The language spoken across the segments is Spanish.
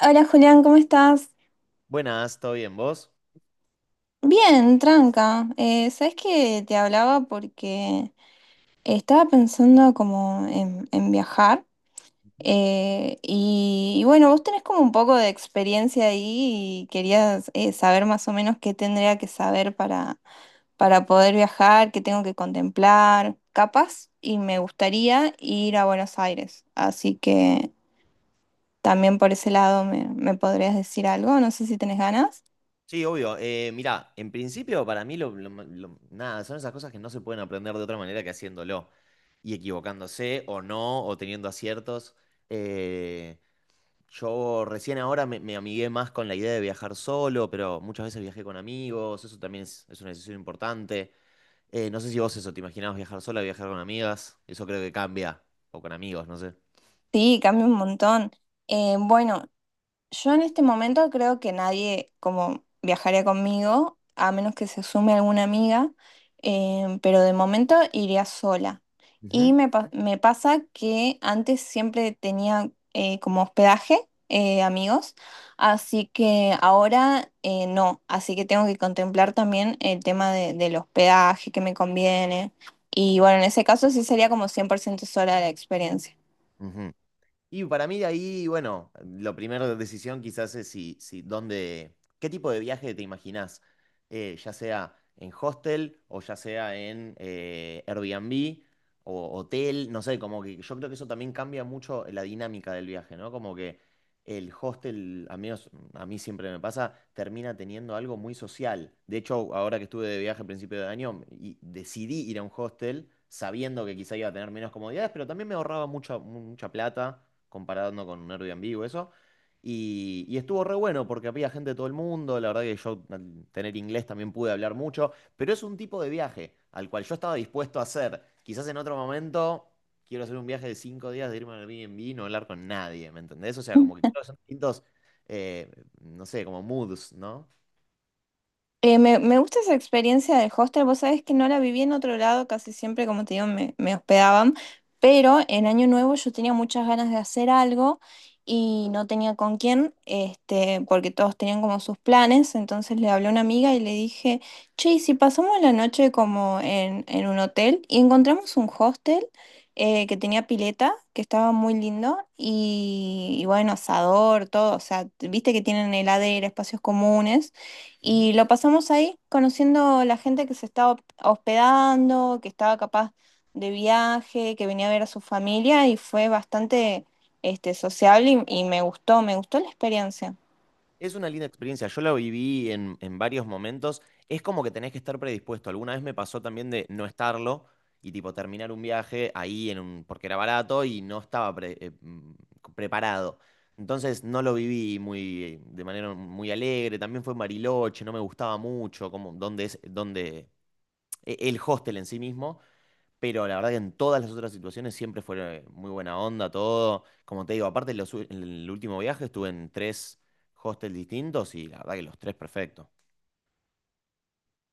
Hola Julián, ¿cómo estás? Buenas, ¿todo bien? ¿Vos? Bien, tranca. ¿Sabes que te hablaba porque estaba pensando como en viajar? Ujú. Y bueno, vos tenés como un poco de experiencia ahí y querías saber más o menos qué tendría que saber para poder viajar, qué tengo que contemplar, capaz, y me gustaría ir a Buenos Aires. Así que también por ese lado me podrías decir algo, no sé si tenés ganas. Sí, obvio. Mirá, en principio para mí lo- nada, son esas cosas que no se pueden aprender de otra manera que haciéndolo y equivocándose o no, o teniendo aciertos. Eh, yo recién ahora me amigué más con la idea de viajar solo, pero muchas veces viajé con amigos, eso también es una decisión importante. No sé si vos eso, ¿te imaginabas viajar sola, viajar con amigas? Eso creo que cambia, o con amigos, no sé. Sí, cambia un montón. Bueno, yo en este momento creo que nadie como viajaría conmigo, a menos que se sume alguna amiga, pero de momento iría sola. Y Ujú, me pasa que antes siempre tenía como hospedaje amigos, así que ahora no, así que tengo que contemplar también el del hospedaje que me conviene. Y bueno, en ese caso sí sería como 100% sola la experiencia. ujú. Y para mí de ahí, bueno, la primera decisión quizás es si dónde, qué tipo de viaje te imaginás. Ya sea en hostel o ya sea en Airbnb o hotel, no sé, como que yo creo que eso también cambia mucho la dinámica del viaje, ¿no? Como que el hostel, a mí siempre me pasa, termina teniendo algo muy social. De hecho, ahora que estuve de viaje a principio de año, y decidí ir a un hostel sabiendo que quizá iba a tener menos comodidades, pero también me ahorraba mucha plata comparando con un Airbnb o eso. Y estuvo re bueno porque había gente de todo el mundo, la verdad que yo al tener inglés también pude hablar mucho, pero es un tipo de viaje al cual yo estaba dispuesto a hacer. Quizás en otro momento quiero hacer un viaje de 5 días de irme al Airbnb y no hablar con nadie, ¿me entendés? O sea, como que creo que son distintos, eh, no sé, como moods, ¿no? Me gusta esa experiencia del hostel. Vos sabés que no la viví en otro lado, casi siempre, como te digo, me hospedaban. Pero en Año Nuevo yo tenía muchas ganas de hacer algo y no tenía con quién, este, porque todos tenían como sus planes. Entonces le hablé a una amiga y le dije, che, ¿y si pasamos la noche como en un hotel y encontramos un hostel que tenía pileta, que estaba muy lindo y bueno, asador, todo. O sea, viste que tienen heladera, espacios comunes. Ujú. Y lo pasamos ahí, conociendo la gente que se estaba hospedando, que estaba capaz de viaje, que venía a ver a su familia y fue bastante este, sociable y me gustó la experiencia. Es una linda experiencia, yo la viví en varios momentos, es como que tenés que estar predispuesto, alguna vez me pasó también de no estarlo y tipo terminar un viaje ahí en un, porque era barato y no estaba preparado. Entonces no lo viví muy, de manera muy alegre, también fue en Bariloche, no me gustaba mucho, como dónde es, dónde, el hostel en sí mismo. Pero la verdad que en todas las otras situaciones siempre fue muy buena onda, todo. Como te digo, aparte en el último viaje estuve en 3 hostels distintos y la verdad que los tres perfectos.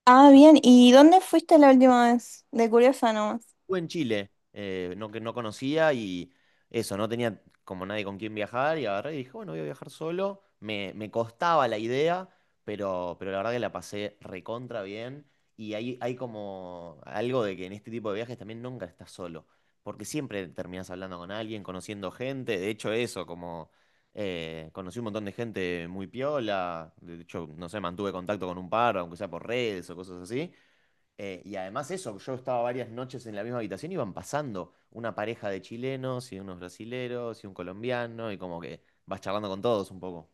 Ah, bien, ¿y dónde fuiste la última vez? De curiosa nomás. Estuve en Chile, que no conocía y eso, no tenía como nadie con quien viajar y agarré y dije, bueno, voy a viajar solo. Me costaba la idea, pero la verdad que la pasé recontra bien y hay como algo de que en este tipo de viajes también nunca estás solo, porque siempre terminás hablando con alguien, conociendo gente, de hecho eso, como conocí un montón de gente muy piola, de hecho, no sé, mantuve contacto con un par, aunque sea por redes o cosas así. Y además eso, yo estaba varias noches en la misma habitación, iban pasando una pareja de chilenos y unos brasileros y un colombiano y como que vas charlando con todos un poco.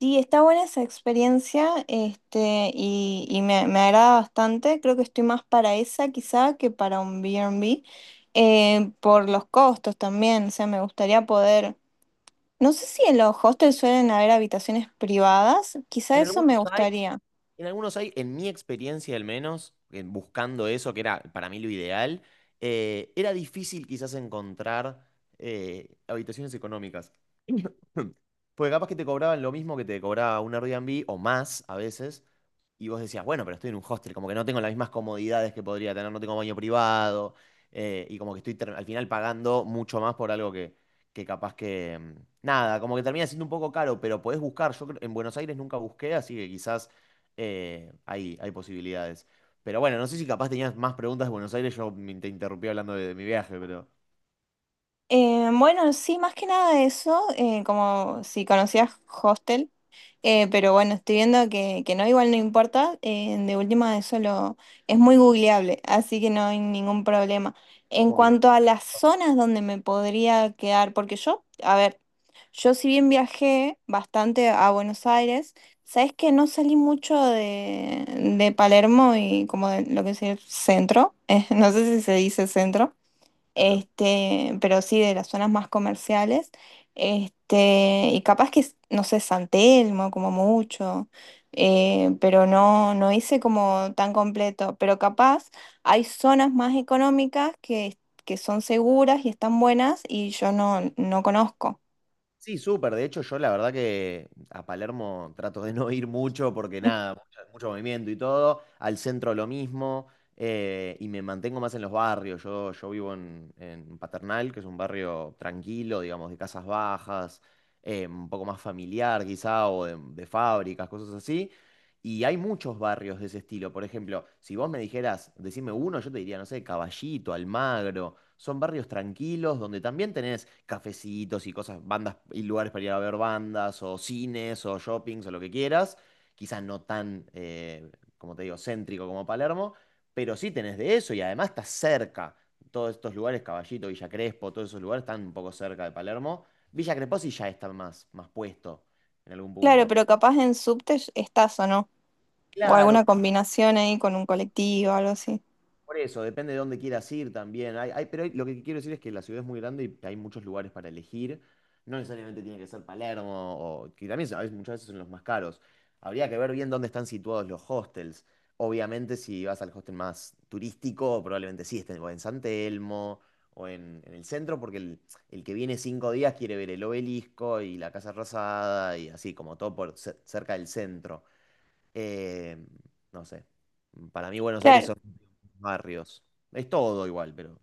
Sí, está buena esa experiencia, este, y me agrada bastante. Creo que estoy más para esa quizá que para un B&B, por los costos también. O sea, me gustaría poder. No sé si en los hostels suelen haber habitaciones privadas, quizá En eso me algunos hay, gustaría. en algunos hay, en mi experiencia al menos, en buscando eso, que era para mí lo ideal, era difícil quizás encontrar habitaciones económicas. Porque capaz que te cobraban lo mismo que te cobraba un Airbnb o más a veces, y vos decías, bueno, pero estoy en un hostel, como que no tengo las mismas comodidades que podría tener, no tengo baño privado, y como que al final pagando mucho más por algo que capaz que… nada, como que termina siendo un poco caro, pero podés buscar. En Buenos Aires nunca busqué, así que quizás hay posibilidades. Pero bueno, no sé si capaz tenías más preguntas de Buenos Aires, te interrumpí hablando de mi viaje, pero… Bueno, sí, más que nada eso, como si conocías hostel. Pero bueno, estoy viendo que no, igual no importa. De última, es muy googleable, así que no hay ningún problema. En Como que cuanto viste a las zonas donde me podría quedar, porque yo, a ver, yo si bien viajé bastante a Buenos Aires, sabes que no salí mucho de Palermo y como de lo que es el centro, no sé si se dice centro el centro. este, pero sí de las zonas más comerciales, este, y capaz que, no sé, San Telmo como mucho, pero no hice como tan completo, pero capaz hay zonas más económicas que son seguras y están buenas y yo no conozco. Sí, súper. De hecho, yo la verdad que a Palermo trato de no ir mucho porque nada, mucho movimiento y todo. Al centro lo mismo. Y me mantengo más en los barrios. Yo vivo en Paternal, que es un barrio tranquilo, digamos, de casas bajas, un poco más familiar quizá, o de fábricas, cosas así. Y hay muchos barrios de ese estilo. Por ejemplo, si vos me dijeras, decime uno, yo te diría, no sé, Caballito, Almagro. Son barrios tranquilos donde también tenés cafecitos y cosas, bandas y lugares para ir a ver bandas, o cines, o shoppings, o lo que quieras. Quizás no tan, como te digo, céntrico como Palermo, pero sí tenés de eso y además estás cerca. Todos estos lugares, Caballito, Villa Crespo, todos esos lugares están un poco cerca de Palermo. Villa Crespo sí ya está más puesto en algún Claro, punto. pero capaz en subte estás o no, o Claro, alguna combinación ahí con un colectivo algo así. por eso, depende de dónde quieras ir también. Lo que quiero decir es que la ciudad es muy grande y hay muchos lugares para elegir. No necesariamente tiene que ser Palermo, o, que también muchas veces son los más caros. Habría que ver bien dónde están situados los hostels. Obviamente, si vas al hostel más turístico, probablemente sí estén o en San Telmo en el centro, porque el que viene 5 días quiere ver el obelisco y la Casa Rosada y así, como todo por cerca del centro. Eh, no sé. Para mí, Buenos Aires Claro. barrios. Es todo igual, pero…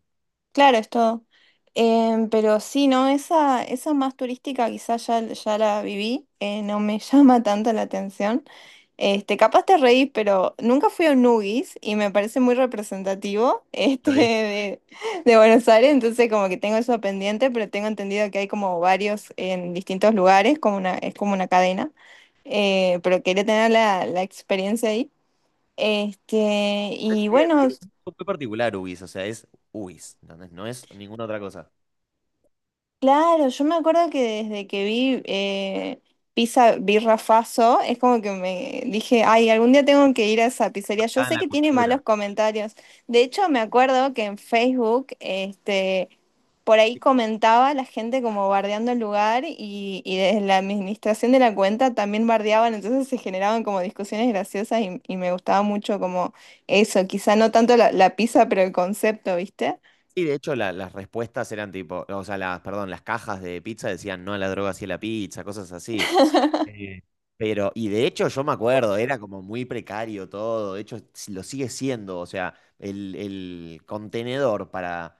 Claro, es todo. Pero sí, no, esa más turística quizás ya la viví, no me llama tanto la atención. Este, capaz te reís, pero nunca fui a un Nugis y me parece muy representativo este, pero es, de Buenos Aires, entonces como que tengo eso pendiente, pero tengo entendido que hay como varios en distintos lugares, como una, es como una cadena, pero quería tener la experiencia ahí. Este, y tiene bueno. Un gusto muy particular UBIS, o sea, es UBIS, ¿entendés? No es ninguna otra cosa. Claro, yo me acuerdo que desde que vi Pizza Birra Faso, es como que me dije, ay, algún día tengo que ir a esa pizzería. Yo Está en sé la que tiene malos cultura. comentarios. De hecho, me acuerdo que en Facebook, este, por ahí comentaba la gente como bardeando el lugar y desde la administración de la cuenta también bardeaban, entonces se generaban como discusiones graciosas y me gustaba mucho como eso, quizá no tanto la pizza, pero el concepto, ¿viste? Sí, de hecho, las respuestas eran tipo, o sea, las, perdón, las cajas de pizza decían no a la droga, sí a la pizza, cosas así. Eh, Pero, y de hecho yo me acuerdo, era como muy precario todo, de hecho lo sigue siendo, o sea, el contenedor para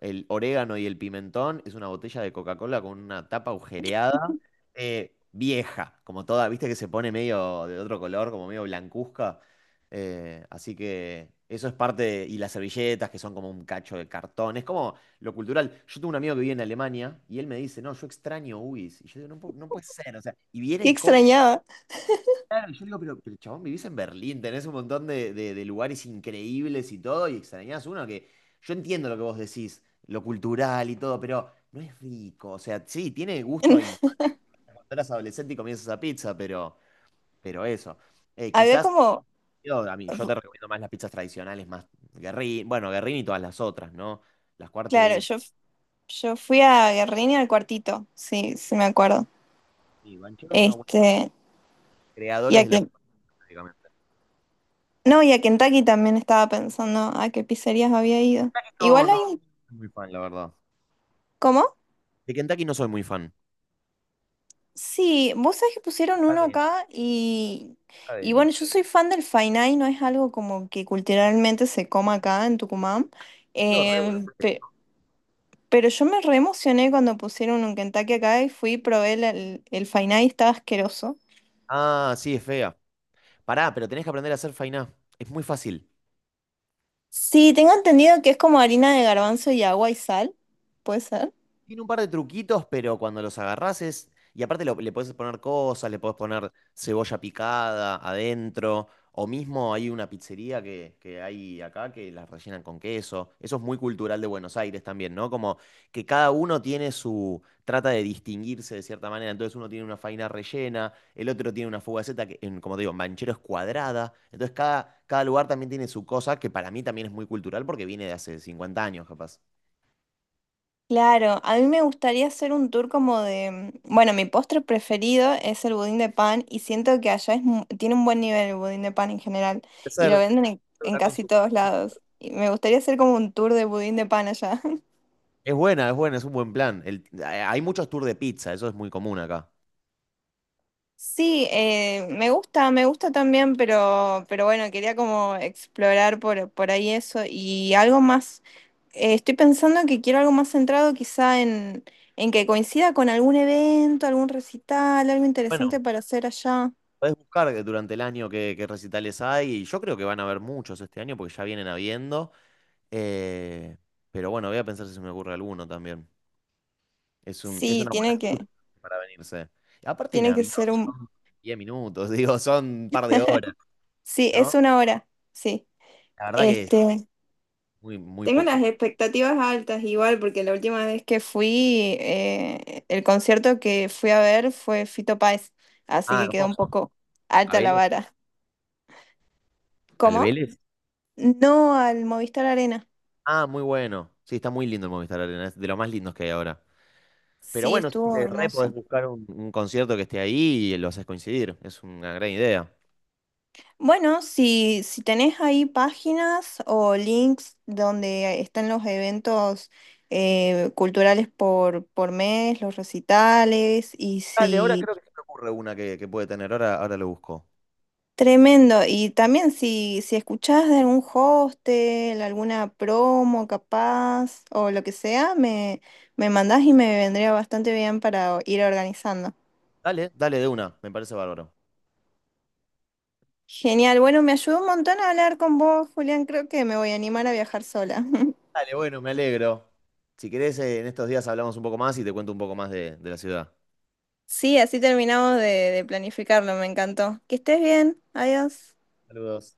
el orégano y el pimentón, es una botella de Coca-Cola con una tapa agujereada, vieja, como toda, viste que se pone medio de otro color, como medio blancuzca. Así que eso es y las servilletas que son como un cacho de cartón, es como lo cultural. Yo tengo un amigo que vive en Alemania y él me dice, no, yo extraño UIS. Y yo digo, no, no puede ser, o sea, y viene Qué y come. extrañaba. Claro, yo digo, pero chabón, vivís en Berlín, tenés un montón de lugares increíbles y todo, y extrañás uno que yo entiendo lo que vos decís, lo cultural y todo, pero no es rico. O sea, sí, tiene gusto a infancia cuando eras adolescente y comienzas a pizza, pero eso. Eh, Había quizás, como, yo, a mí, yo te recomiendo más las pizzas tradicionales, más Guerrín, bueno, Guerrín y todas las otras, ¿no? Las claro, cuartetas, yo fui a Guerrini al cuartito, sí, sí me acuerdo. y Banchero es una buena, Este, y creadores a de la Ken- prácticamente. no, y a Kentucky también estaba pensando a qué pizzerías había ido. Kentucky no, Igual no hay un, soy muy fan, la verdad. ¿cómo? De Kentucky no soy muy fan. Sí, vos sabés que pusieron uno Cadena, acá y cadena. bueno, yo soy fan del Fainá. No es algo como que culturalmente se coma acá en Tucumán, Lo re bueno, eh, pe- ¿no? pero yo me re emocioné cuando pusieron un Kentucky acá y fui y probé el Fainá y estaba asqueroso. Ah, sí, es fea. Pará, pero tenés que aprender a hacer fainá. Es muy fácil. Sí, tengo entendido que es como harina de garbanzo y agua y sal, ¿puede ser? Tiene un par de truquitos, pero cuando los agarrás es. Y aparte le puedes poner cosas, le puedes poner cebolla picada adentro. O mismo hay una pizzería que hay acá que las rellenan con queso. Eso es muy cultural de Buenos Aires también, ¿no? Como que cada uno tiene su. Trata de distinguirse de cierta manera. Entonces uno tiene una faina rellena, el otro tiene una fugaceta que, como te digo, en Banchero es cuadrada. Entonces cada lugar también tiene su cosa, que para mí también es muy cultural porque viene de hace 50 años, capaz. Claro, a mí me gustaría hacer un tour como de, bueno, mi postre preferido es el budín de pan y siento que allá tiene un buen nivel el budín de pan en general Puede y ser, lo creo venden que en está con casi su. todos lados. Y me gustaría hacer como un tour de budín de pan allá. Es buena, es buena, es un buen plan. Hay muchos tours de pizza, eso es muy común acá. Sí, me gusta también, pero bueno, quería como explorar por ahí eso y algo más, estoy pensando que quiero algo más centrado quizá en que coincida con algún evento, algún recital, algo interesante Bueno, para hacer allá. podés buscar que durante el año qué recitales hay y yo creo que van a haber muchos este año porque ya vienen habiendo. eh, pero bueno, voy a pensar si se me ocurre alguno también. Es Sí, una buena tiene excusa que, para venirse. Y aparte, en tiene que avión ser un... son 10 minutos, digo, son un par de horas, Sí, es ¿no? una hora, sí. La verdad que es Este, muy, muy tengo poco. las expectativas altas igual, porque la última vez que fui, el concierto que fui a ver fue Fito Páez, así Ah, que quedó un hermoso. poco ¿A alta la Vélez? vara. ¿Al ¿Cómo? Vélez? No, al Movistar Arena. Ah, muy bueno. Sí, está muy lindo el Movistar Arena, es de los más lindos que hay ahora. Pero Sí, bueno, estuvo siempre re podés hermoso. buscar un concierto que esté ahí y lo haces coincidir. Es una gran idea. Bueno, si tenés ahí páginas o links donde están los eventos culturales por mes, los recitales, y Dale, ahora si... creo que se me ocurre una que puede tener. Ahora lo busco. Tremendo. Y también si escuchás de algún hostel, alguna promo capaz o lo que sea, me mandás y me vendría bastante bien para ir organizando. Dale, dale de una. Me parece bárbaro. Genial. Bueno, me ayudó un montón a hablar con vos, Julián. Creo que me voy a animar a viajar sola. Dale, bueno, me alegro. Si querés, en estos días hablamos un poco más y te cuento un poco más de la ciudad. Sí, así terminamos de planificarlo, me encantó. Que estés bien, adiós. Saludos.